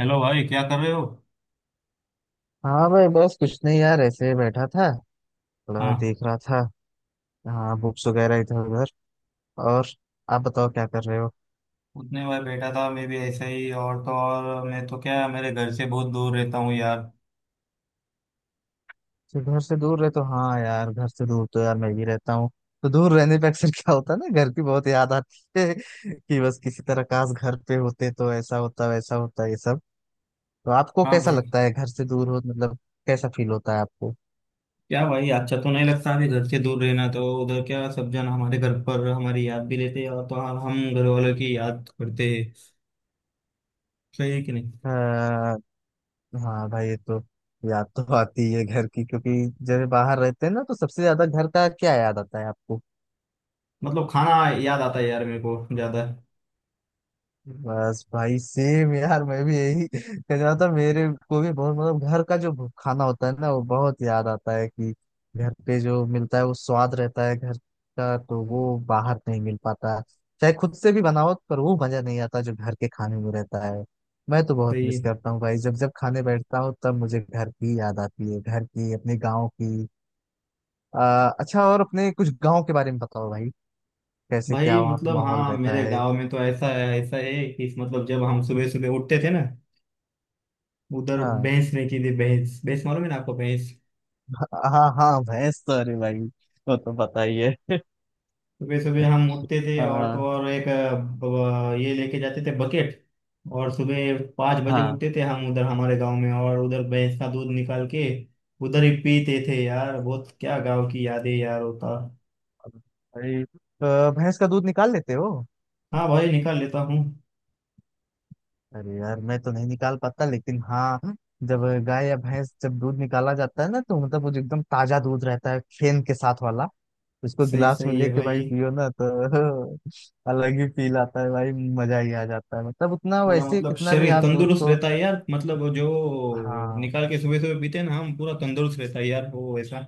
Hello भाई, क्या कर रहे हो? हाँ भाई, बस कुछ नहीं यार, ऐसे ही बैठा था। थोड़ा हाँ। देख रहा था। हाँ, बुक्स वगैरह इधर उधर। और आप बताओ क्या कर रहे हो? उतने बार बैठा था मैं भी ऐसा ही। और तो और मैं तो क्या, मेरे घर से बहुत दूर रहता हूँ यार। तो घर से दूर रहे तो हाँ यार, घर से दूर तो यार मैं भी रहता हूँ। तो दूर रहने पे अक्सर क्या होता है ना, घर की बहुत याद आती है कि बस किसी तरह काश घर पे होते तो ऐसा होता वैसा होता, ये सब। तो आपको हाँ कैसा भाई। लगता है घर से दूर हो, मतलब कैसा फील होता है आपको? क्या भाई, अच्छा तो नहीं लगता अभी घर से दूर रहना। तो उधर क्या, सब जन हमारे घर पर हमारी याद भी लेते हैं और तो और हम घर वालों की याद करते हैं। सही है कि नहीं? आ, हाँ भाई, ये तो। याद तो आती है घर की, क्योंकि जब बाहर रहते हैं ना, तो सबसे ज्यादा घर का क्या याद आता है आपको? मतलब खाना याद आता है यार मेरे को ज्यादा। बस भाई, सेम यार, मैं भी यही कह रहा था। मेरे को भी बहुत मतलब घर का जो खाना होता है ना, वो बहुत याद आता है। कि घर पे जो मिलता है वो स्वाद रहता है घर का, तो वो बाहर नहीं मिल पाता। चाहे खुद से भी बनाओ पर वो मजा नहीं आता जो घर के खाने में रहता है। मैं तो बहुत सही मिस है। करता हूँ भाई, जब जब खाने बैठता हूँ तब मुझे घर की याद आती है, घर की, अपने गाँव की। अच्छा, और अपने कुछ गाँव के बारे में बताओ भाई। कैसे भाई क्या वहाँ पे मतलब माहौल हाँ, रहता मेरे है? गांव में तो ऐसा है कि मतलब जब हम सुबह सुबह उठते थे ना, उधर हाँ। भैंस नहीं थी। भैंस भैंस मालूम है ना आपको, भैंस? हाँ हाँ, भैंस तो अरे भाई, वो तो पता ही है। सुबह सुबह हम उठते थे और तो हाँ। और एक ये लेके जाते थे बकेट। और सुबह 5 बजे हाँ उठते थे हम उधर हमारे गांव में, और उधर भैंस का दूध निकाल के उधर ही पीते थे यार। बहुत क्या गांव की यादें यार होता। भाई, भैंस का दूध निकाल लेते हो? हाँ भाई, निकाल लेता हूँ। अरे यार, मैं तो नहीं निकाल पाता, लेकिन हाँ, जब गाय या भैंस जब दूध निकाला जाता है ना, तो मतलब वो जो एकदम ताजा दूध रहता है फेन के साथ वाला, उसको सही, गिलास में सही है लेके भाई भाई। पियो ना, तो अलग ही फील आता है भाई। मजा ही आ जाता है, मतलब उतना पूरा वैसे मतलब कितना भी शरीर आप दूध तंदुरुस्त को। रहता है यार, मतलब जो हाँ। निकाल के सुबह सुबह पीते हैं ना हम, पूरा तंदुरुस्त रहता है यार। वो वैसा,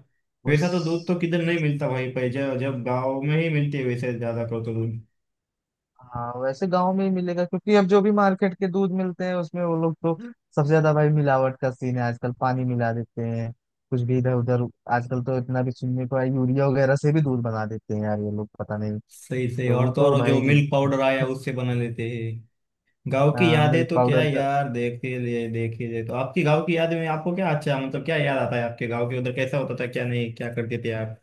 वैसा तो दूध तो उस। किधर नहीं मिलता भाई। पहले जब जब गाँव में ही मिलती है वैसे, ज्यादा कर तो दूध। हाँ, वैसे गांव में ही मिलेगा, क्योंकि अब जो भी मार्केट के दूध मिलते हैं उसमें वो लोग तो सबसे ज्यादा भाई मिलावट का सीन है आजकल, पानी मिला देते हैं कुछ भी इधर उधर। आजकल तो इतना भी सुनने को है, यूरिया वगैरह से भी दूध बना देते हैं यार ये लोग, पता नहीं। सही सही। तो और वो तो तो और जो भाई मिल्क पाउडर आया, उससे बना लेते हैं। गांव की यादें मिल्क तो क्या पाउडर। यार, देखे ले देखे ले, तो आपकी गांव की यादें में आपको क्या अच्छा मतलब क्या याद आता है? आपके गांव के उधर कैसा होता था, क्या नहीं क्या करते थे आप?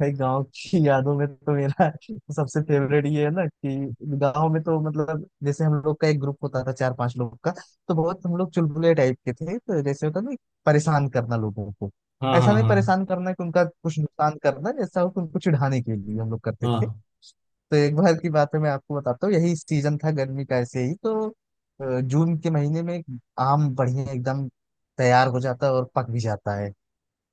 भाई, गांव की यादों में तो मेरा सबसे फेवरेट ये है ना, कि गांव में तो मतलब जैसे हम लोग का एक ग्रुप होता था चार पांच लोग का। तो बहुत हम लोग चुलबुले टाइप के थे, तो जैसे होता ना, परेशान करना लोगों को। हाँ ऐसा हाँ नहीं हाँ। परेशान करना कि उनका कुछ नुकसान करना जैसा हो, कि उनको चिढ़ाने के लिए हम लोग करते थे। हाँ। तो एक बार की बात है, मैं आपको बताता हूँ। यही सीजन था गर्मी का, ऐसे ही तो जून के महीने में आम बढ़िया एकदम तैयार हो जाता है और पक भी जाता है।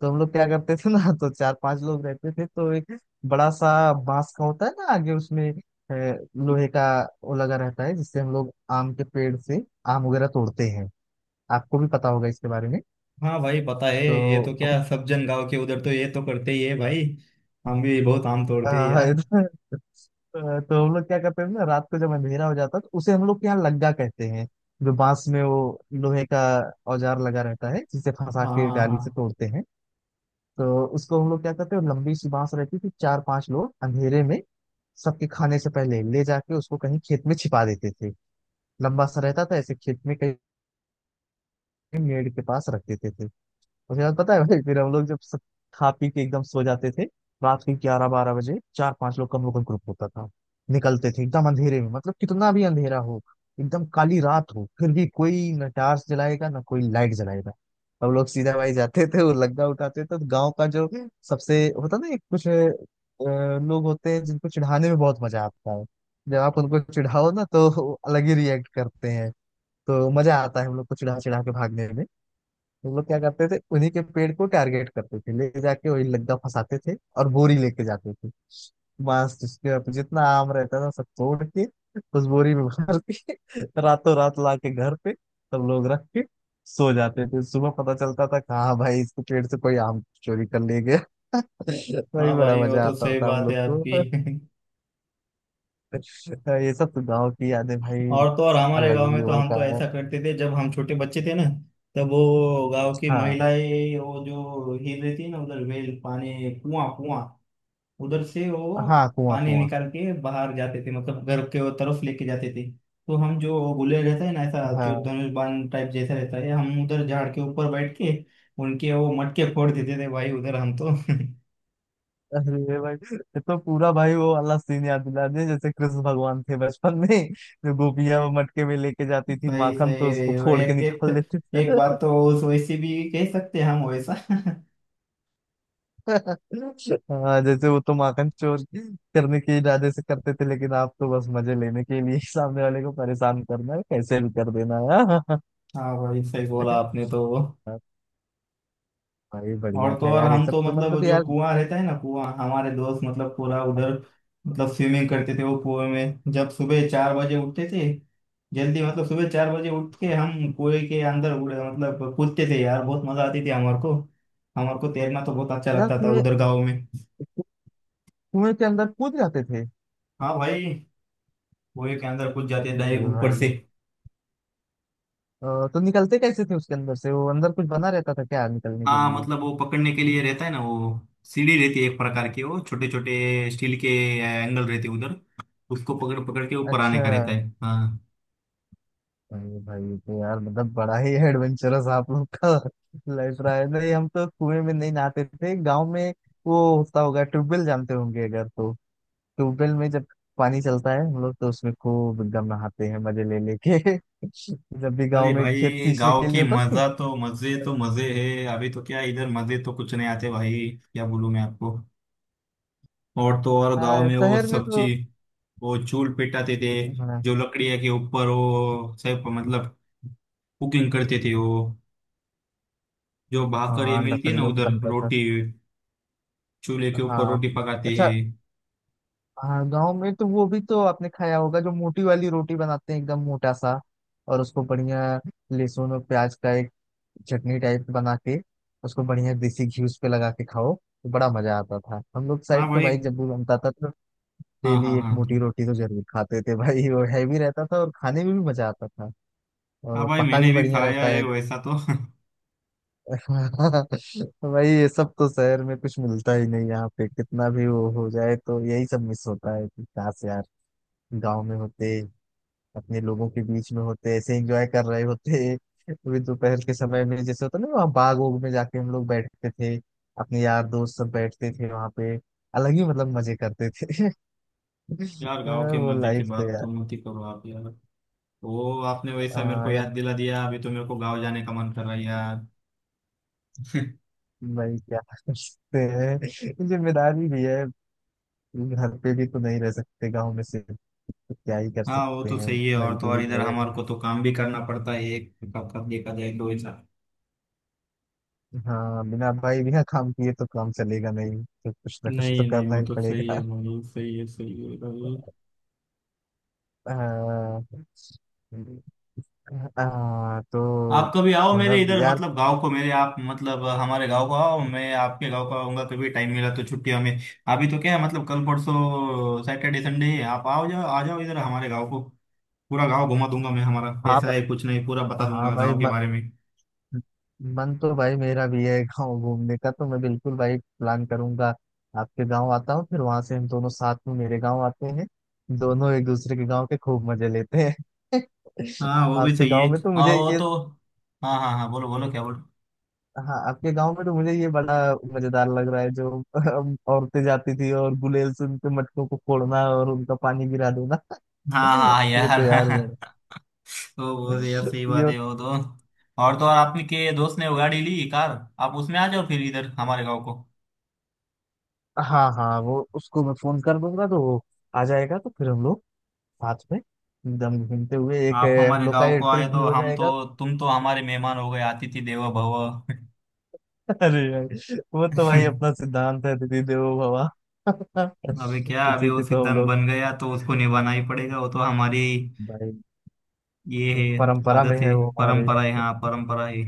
तो हम लोग क्या करते थे ना, तो चार पांच लोग रहते थे, तो एक बड़ा सा बांस का होता है ना आगे उसमें लोहे का वो लगा रहता है, जिससे हम लोग आम के पेड़ से आम वगैरह तोड़ते हैं। आपको भी पता होगा इसके बारे में। हाँ भाई, पता है ये तो। तो क्या सब जन गांव के उधर तो ये तो करते ही है भाई। हम भी बहुत आम अ, तोड़ते हैं यार। इधर- तो हम लोग क्या करते थे ना, रात को जब अंधेरा हो जाता, तो उसे हम लोग के यहाँ लग्गा कहते हैं, जो बांस में वो लोहे का औजार लगा रहता है जिसे फंसा हाँ के हाँ डाली से हाँ। तोड़ते हैं। तो उसको हम लोग क्या करते हैं, लंबी सी बांस रहती थी, चार पांच लोग अंधेरे में सबके खाने से पहले ले जाके उसको कहीं खेत में छिपा देते थे। लंबा सा रहता था ऐसे, खेत में कहीं मेड़ के पास रख देते थे। उसके बाद पता है भाई, फिर हम लोग जब सब खा पी के एकदम सो जाते थे, रात के ग्यारह बारह बजे चार पांच लोग का हम लोग का ग्रुप होता था, निकलते थे एकदम अंधेरे में। मतलब कितना भी अंधेरा हो, एकदम काली रात हो, फिर भी कोई न टार्च जलाएगा ना कोई लाइट जलाएगा। हम लोग सीधा भाई जाते थे और लग्गा उठाते थे। तो गांव का जो सबसे होता ना, एक कुछ लोग होते हैं जिनको चिढ़ाने में बहुत मजा आता है। जब आप उनको चिढ़ाओ ना, तो वो अलग ही रिएक्ट करते हैं। तो मजा आता है हम लोग को चिढ़ा चिढ़ा के भागने में। हम लोग क्या करते थे, उन्हीं के पेड़ को टारगेट करते थे, ले जाके वही लग्गा फंसाते थे और बोरी लेके जाते थे। बस उसके बाद जितना आम रहता था सब तोड़ के, उस बोरी में भर के रातों रात ला के घर पे सब लोग रख के सो जाते थे। सुबह पता चलता था, कहाँ भाई, इसके पेड़ से कोई आम चोरी कर ले गया भाई, हाँ बड़ा भाई, वो मजा तो आता सही था हम बात है लोग को। आपकी। तो ये सब तो गाँव की यादें भाई। और तो और हमारे अलग ही गांव में तो लेवल हम का तो है। ऐसा करते थे जब हम छोटे बच्चे थे ना। तब वो गांव की हाँ। महिलाएं, वो जो हिल रही थी ना उधर, वेल, पानी, कुआं कुआं, उधर से वो हाँ, कुआं पानी कुआं। निकाल के बाहर जाते थे, मतलब घर के वो तरफ लेके जाते थे। तो हम जो गुले रहता है ना ऐसा, जो हाँ। धनुष बाण टाइप जैसा रहता है, हम उधर झाड़ के ऊपर बैठ के उनके वो मटके फोड़ देते थे भाई, उधर हम तो। अरे भाई, ये तो पूरा भाई वो वाला सीन याद दिला दिया, जैसे कृष्ण भगवान थे बचपन में, जो गोपियां वो मटके में लेके जाती थी सही माखन, सही। तो उसको फोड़ के एक एक, निकाल लेते एक थे। बात तो वैसे भी कह सकते हैं हम वैसा। हाँ, जैसे वो तो माखन चोर करने के इरादे से करते थे, लेकिन आप तो बस मजे लेने के लिए सामने वाले को परेशान करना है कैसे भी कर देना है। हाँ भाई सही बोला आपने तो वो। हाँ, भाई बढ़िया और तो था और यार, ये हम सब तो तो मतलब मतलब जो यार। कुआं रहता है ना कुआं, हमारे दोस्त मतलब पूरा उधर मतलब स्विमिंग करते थे वो कुएं में, जब सुबह 4 बजे उठते थे जल्दी, मतलब सुबह 4 बजे उठ के हम कुएं के अंदर उड़े मतलब कूदते थे यार। बहुत मजा आती थी हमारे को। हमारे को तैरना तो बहुत अच्छा यार, लगता था कुएं, उधर गाँव में। कुएं के अंदर कूद जाते थे? हाँ भाई। कुएं के अंदर कूद जाते अरे डायरेक्ट ऊपर से। भाई, अ, तो निकलते कैसे थे उसके अंदर से? वो अंदर कुछ बना रहता था क्या निकलने के हाँ लिए? मतलब वो पकड़ने के लिए रहता है ना वो, सीढ़ी रहती है एक प्रकार की, वो छोटे छोटे स्टील के एंगल रहते हैं उधर, उसको पकड़ पकड़ के ऊपर आने अच्छा। का रहता है। हाँ। अरे भाई, ये तो यार मतलब बड़ा ही एडवेंचरस आप लोग का लाइफ रहा है। नहीं, हम तो कुएं में नहीं नहाते थे गांव में। वो होता होगा ट्यूबवेल, जानते होंगे अगर, तो ट्यूबवेल में जब पानी चलता है हम लोग तो उसमें खूब एकदम नहाते हैं मजे ले लेके जब भी अरे गांव में खेत भाई सींचने गांव के लिए की होता, नहीं। मजा तो, मजे तो मजे है। अभी तो क्या इधर, मजे तो कुछ नहीं आते भाई, क्या बोलूं मैं आपको। और तो और गांव हाँ, में वो शहर में सब्जी, तो। वो चूल पिटाते थे, हाँ जो लकड़िया के ऊपर वो सब मतलब कुकिंग करते थे वो। जो भाकर ये हाँ, मिलती है ना लकड़ियों का उधर, बनता था। रोटी चूल्हे के ऊपर हाँ। रोटी पकाते अच्छा। हैं। हाँ, गाँव में तो वो भी तो आपने खाया होगा, जो मोटी वाली रोटी बनाते हैं एकदम मोटा सा, और उसको बढ़िया लहसुन और प्याज का एक चटनी टाइप बना के, उसको बढ़िया देसी घी उस पे लगा के खाओ, तो बड़ा मजा आता था हम लोग हाँ साइड तो भाई। भाई, जब भी बनता था तो। हाँ डेली हाँ एक मोटी हाँ। रोटी तो जरूर खाते थे भाई, वो हैवी रहता था और खाने में भी मजा आता था। हाँ और भाई पका मैंने भी भी बढ़िया खाया रहता है है। वैसा तो। भाई, ये सब तो शहर में कुछ मिलता ही नहीं, यहाँ पे कितना भी वो हो जाए, तो यही सब मिस होता है कि काश यार गाँव में होते, अपने लोगों के बीच में होते, ऐसे एंजॉय कर रहे होते। अभी दोपहर के समय में जैसे होता है ना, वहाँ बाग ओग में जाके हम लोग बैठते थे, अपने यार दोस्त सब बैठते थे वहाँ पे, अलग ही मतलब मजे करते थे यार गांव के वो मजे की लाइफ तो बात यार। तो मत ही करो आप यार। वो आपने वैसा मेरे को यार, याद दिला दिया, अभी तो मेरे को गांव जाने का मन कर रहा है यार। भाई क्या करते हैं, जिम्मेदारी भी है। घर पे भी तो नहीं रह सकते गाँव में से, तो क्या ही कर हाँ वो सकते तो हैं। सही है। और तो और मजबूरी इधर है। हमारे को तो काम भी करना पड़ता है। एक कब कब देखा जाए तो ऐसा। हाँ, बिना भाई बिना काम किए तो काम चलेगा नहीं, तो कुछ ना कुछ तो नहीं नहीं, करना वो ही तो सही है पड़ेगा। भाई, सही है भाई। आ, तो आप कभी आओ मेरे मतलब इधर यार। मतलब गांव को मेरे, आप मतलब हमारे गांव को आओ, मैं आपके गांव को आऊंगा कभी टाइम मिला तो छुट्टियों में। अभी तो क्या है मतलब, कल परसों सैटरडे संडे है, आप आओ जाओ, आ जाओ इधर हमारे गांव को। पूरा गांव घुमा दूंगा मैं, हमारा हाँ, कैसा है कुछ नहीं पूरा बता हाँ दूंगा भाई, गांव के बारे में। मन तो भाई मेरा भी है गाँव घूमने का, तो मैं बिल्कुल भाई प्लान करूंगा। आपके गाँव आता हूँ, फिर वहां से हम दोनों साथ में मेरे गाँव आते हैं। दोनों एक दूसरे के गाँव के खूब मजे लेते हैं। हाँ वो भी आपके सही है। गाँव में तो हाँ मुझे वो ये। तो। हाँ हाँ हाँ, बोलो बोलो क्या बोलो। हाँ, आपके गाँव में तो मुझे ये बड़ा मजेदार लग रहा है, जो औरतें जाती थी और गुलेल से उनके मटकों को फोड़ना और उनका पानी गिरा देना हाँ हाँ हाँ, ये तो यार। यार बड़ा। तो वो तो यार सही बात ये। है वो तो। और तो और आपके दोस्त ने वो गाड़ी ली, कार। आप उसमें आ जाओ फिर इधर हमारे गांव को। हाँ हाँ, वो उसको मैं फोन कर दूंगा, तो वो आ जाएगा, तो फिर हम लोग साथ में एकदम घूमते हुए एक आप हम हमारे लोग का गांव ये को ट्रिप आए भी तो हो हम तो, जाएगा। तुम तो हमारे मेहमान हो गए। अतिथि देवो भव। अरे यार, वो तो भाई अपना सिद्धांत है, दीदी देवो भवा। अबे क्या, अभी उसी वो पे तो हम सिद्धांत लोग। बन गया तो उसको निभाना ही पड़ेगा, वो तो हमारी भाई, ये है। परंपरा में आदत है। है वो हमारे। परंपरा है, हाँ परंपरा है।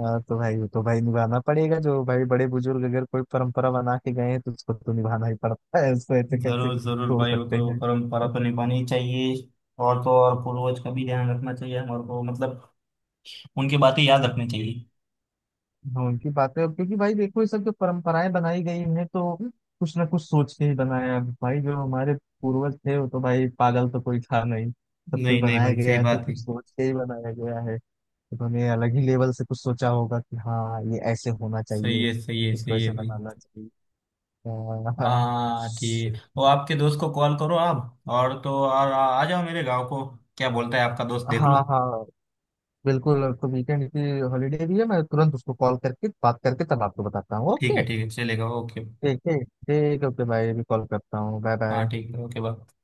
हाँ तो भाई, वो तो भाई निभाना पड़ेगा। जो भाई बड़े बुजुर्ग अगर कोई परंपरा बना के गए हैं, तो उसको तो निभाना ही पड़ता है, उसको ऐसे कैसे जरूर जरूर तोड़ भाई, वो सकते तो हैं। परंपरा तो निभानी ही चाहिए। और तो और पूर्वज का भी ध्यान रखना चाहिए हमारे को, मतलब उनकी बातें याद रखनी चाहिए। हाँ, उनकी बातें। अब क्योंकि भाई देखो, ये सब जो परंपराएं बनाई गई हैं, तो कुछ ना कुछ सोच के ही बनाया है। भाई जो हमारे पूर्वज थे, वो तो भाई पागल तो कोई था नहीं, सब कुछ नहीं नहीं बनाया भाई सही गया है तो बात है। कुछ सोच के ही बनाया गया है। उन्होंने अलग ही लेवल से कुछ सोचा होगा कि हाँ ये ऐसे होना सही चाहिए, है सही है इसको सही है ऐसे भाई। बनाना चाहिए। हाँ। हाँ ठीक, वो आपके दोस्त को कॉल करो आप, और तो और आ जाओ मेरे गांव को। क्या बोलता है आपका दोस्त, देख हाँ लो। हाँ, बिल्कुल। तो वीकेंड की हॉलीडे भी है, मैं तुरंत उसको कॉल करके बात करके तब आपको बताता हूँ, ओके? ठीक है चलेगा, ओके। ठीक ठीक ठीक, ओके भाई, अभी कॉल करता हूँ, बाय हाँ बाय। ठीक है, ओके बाय।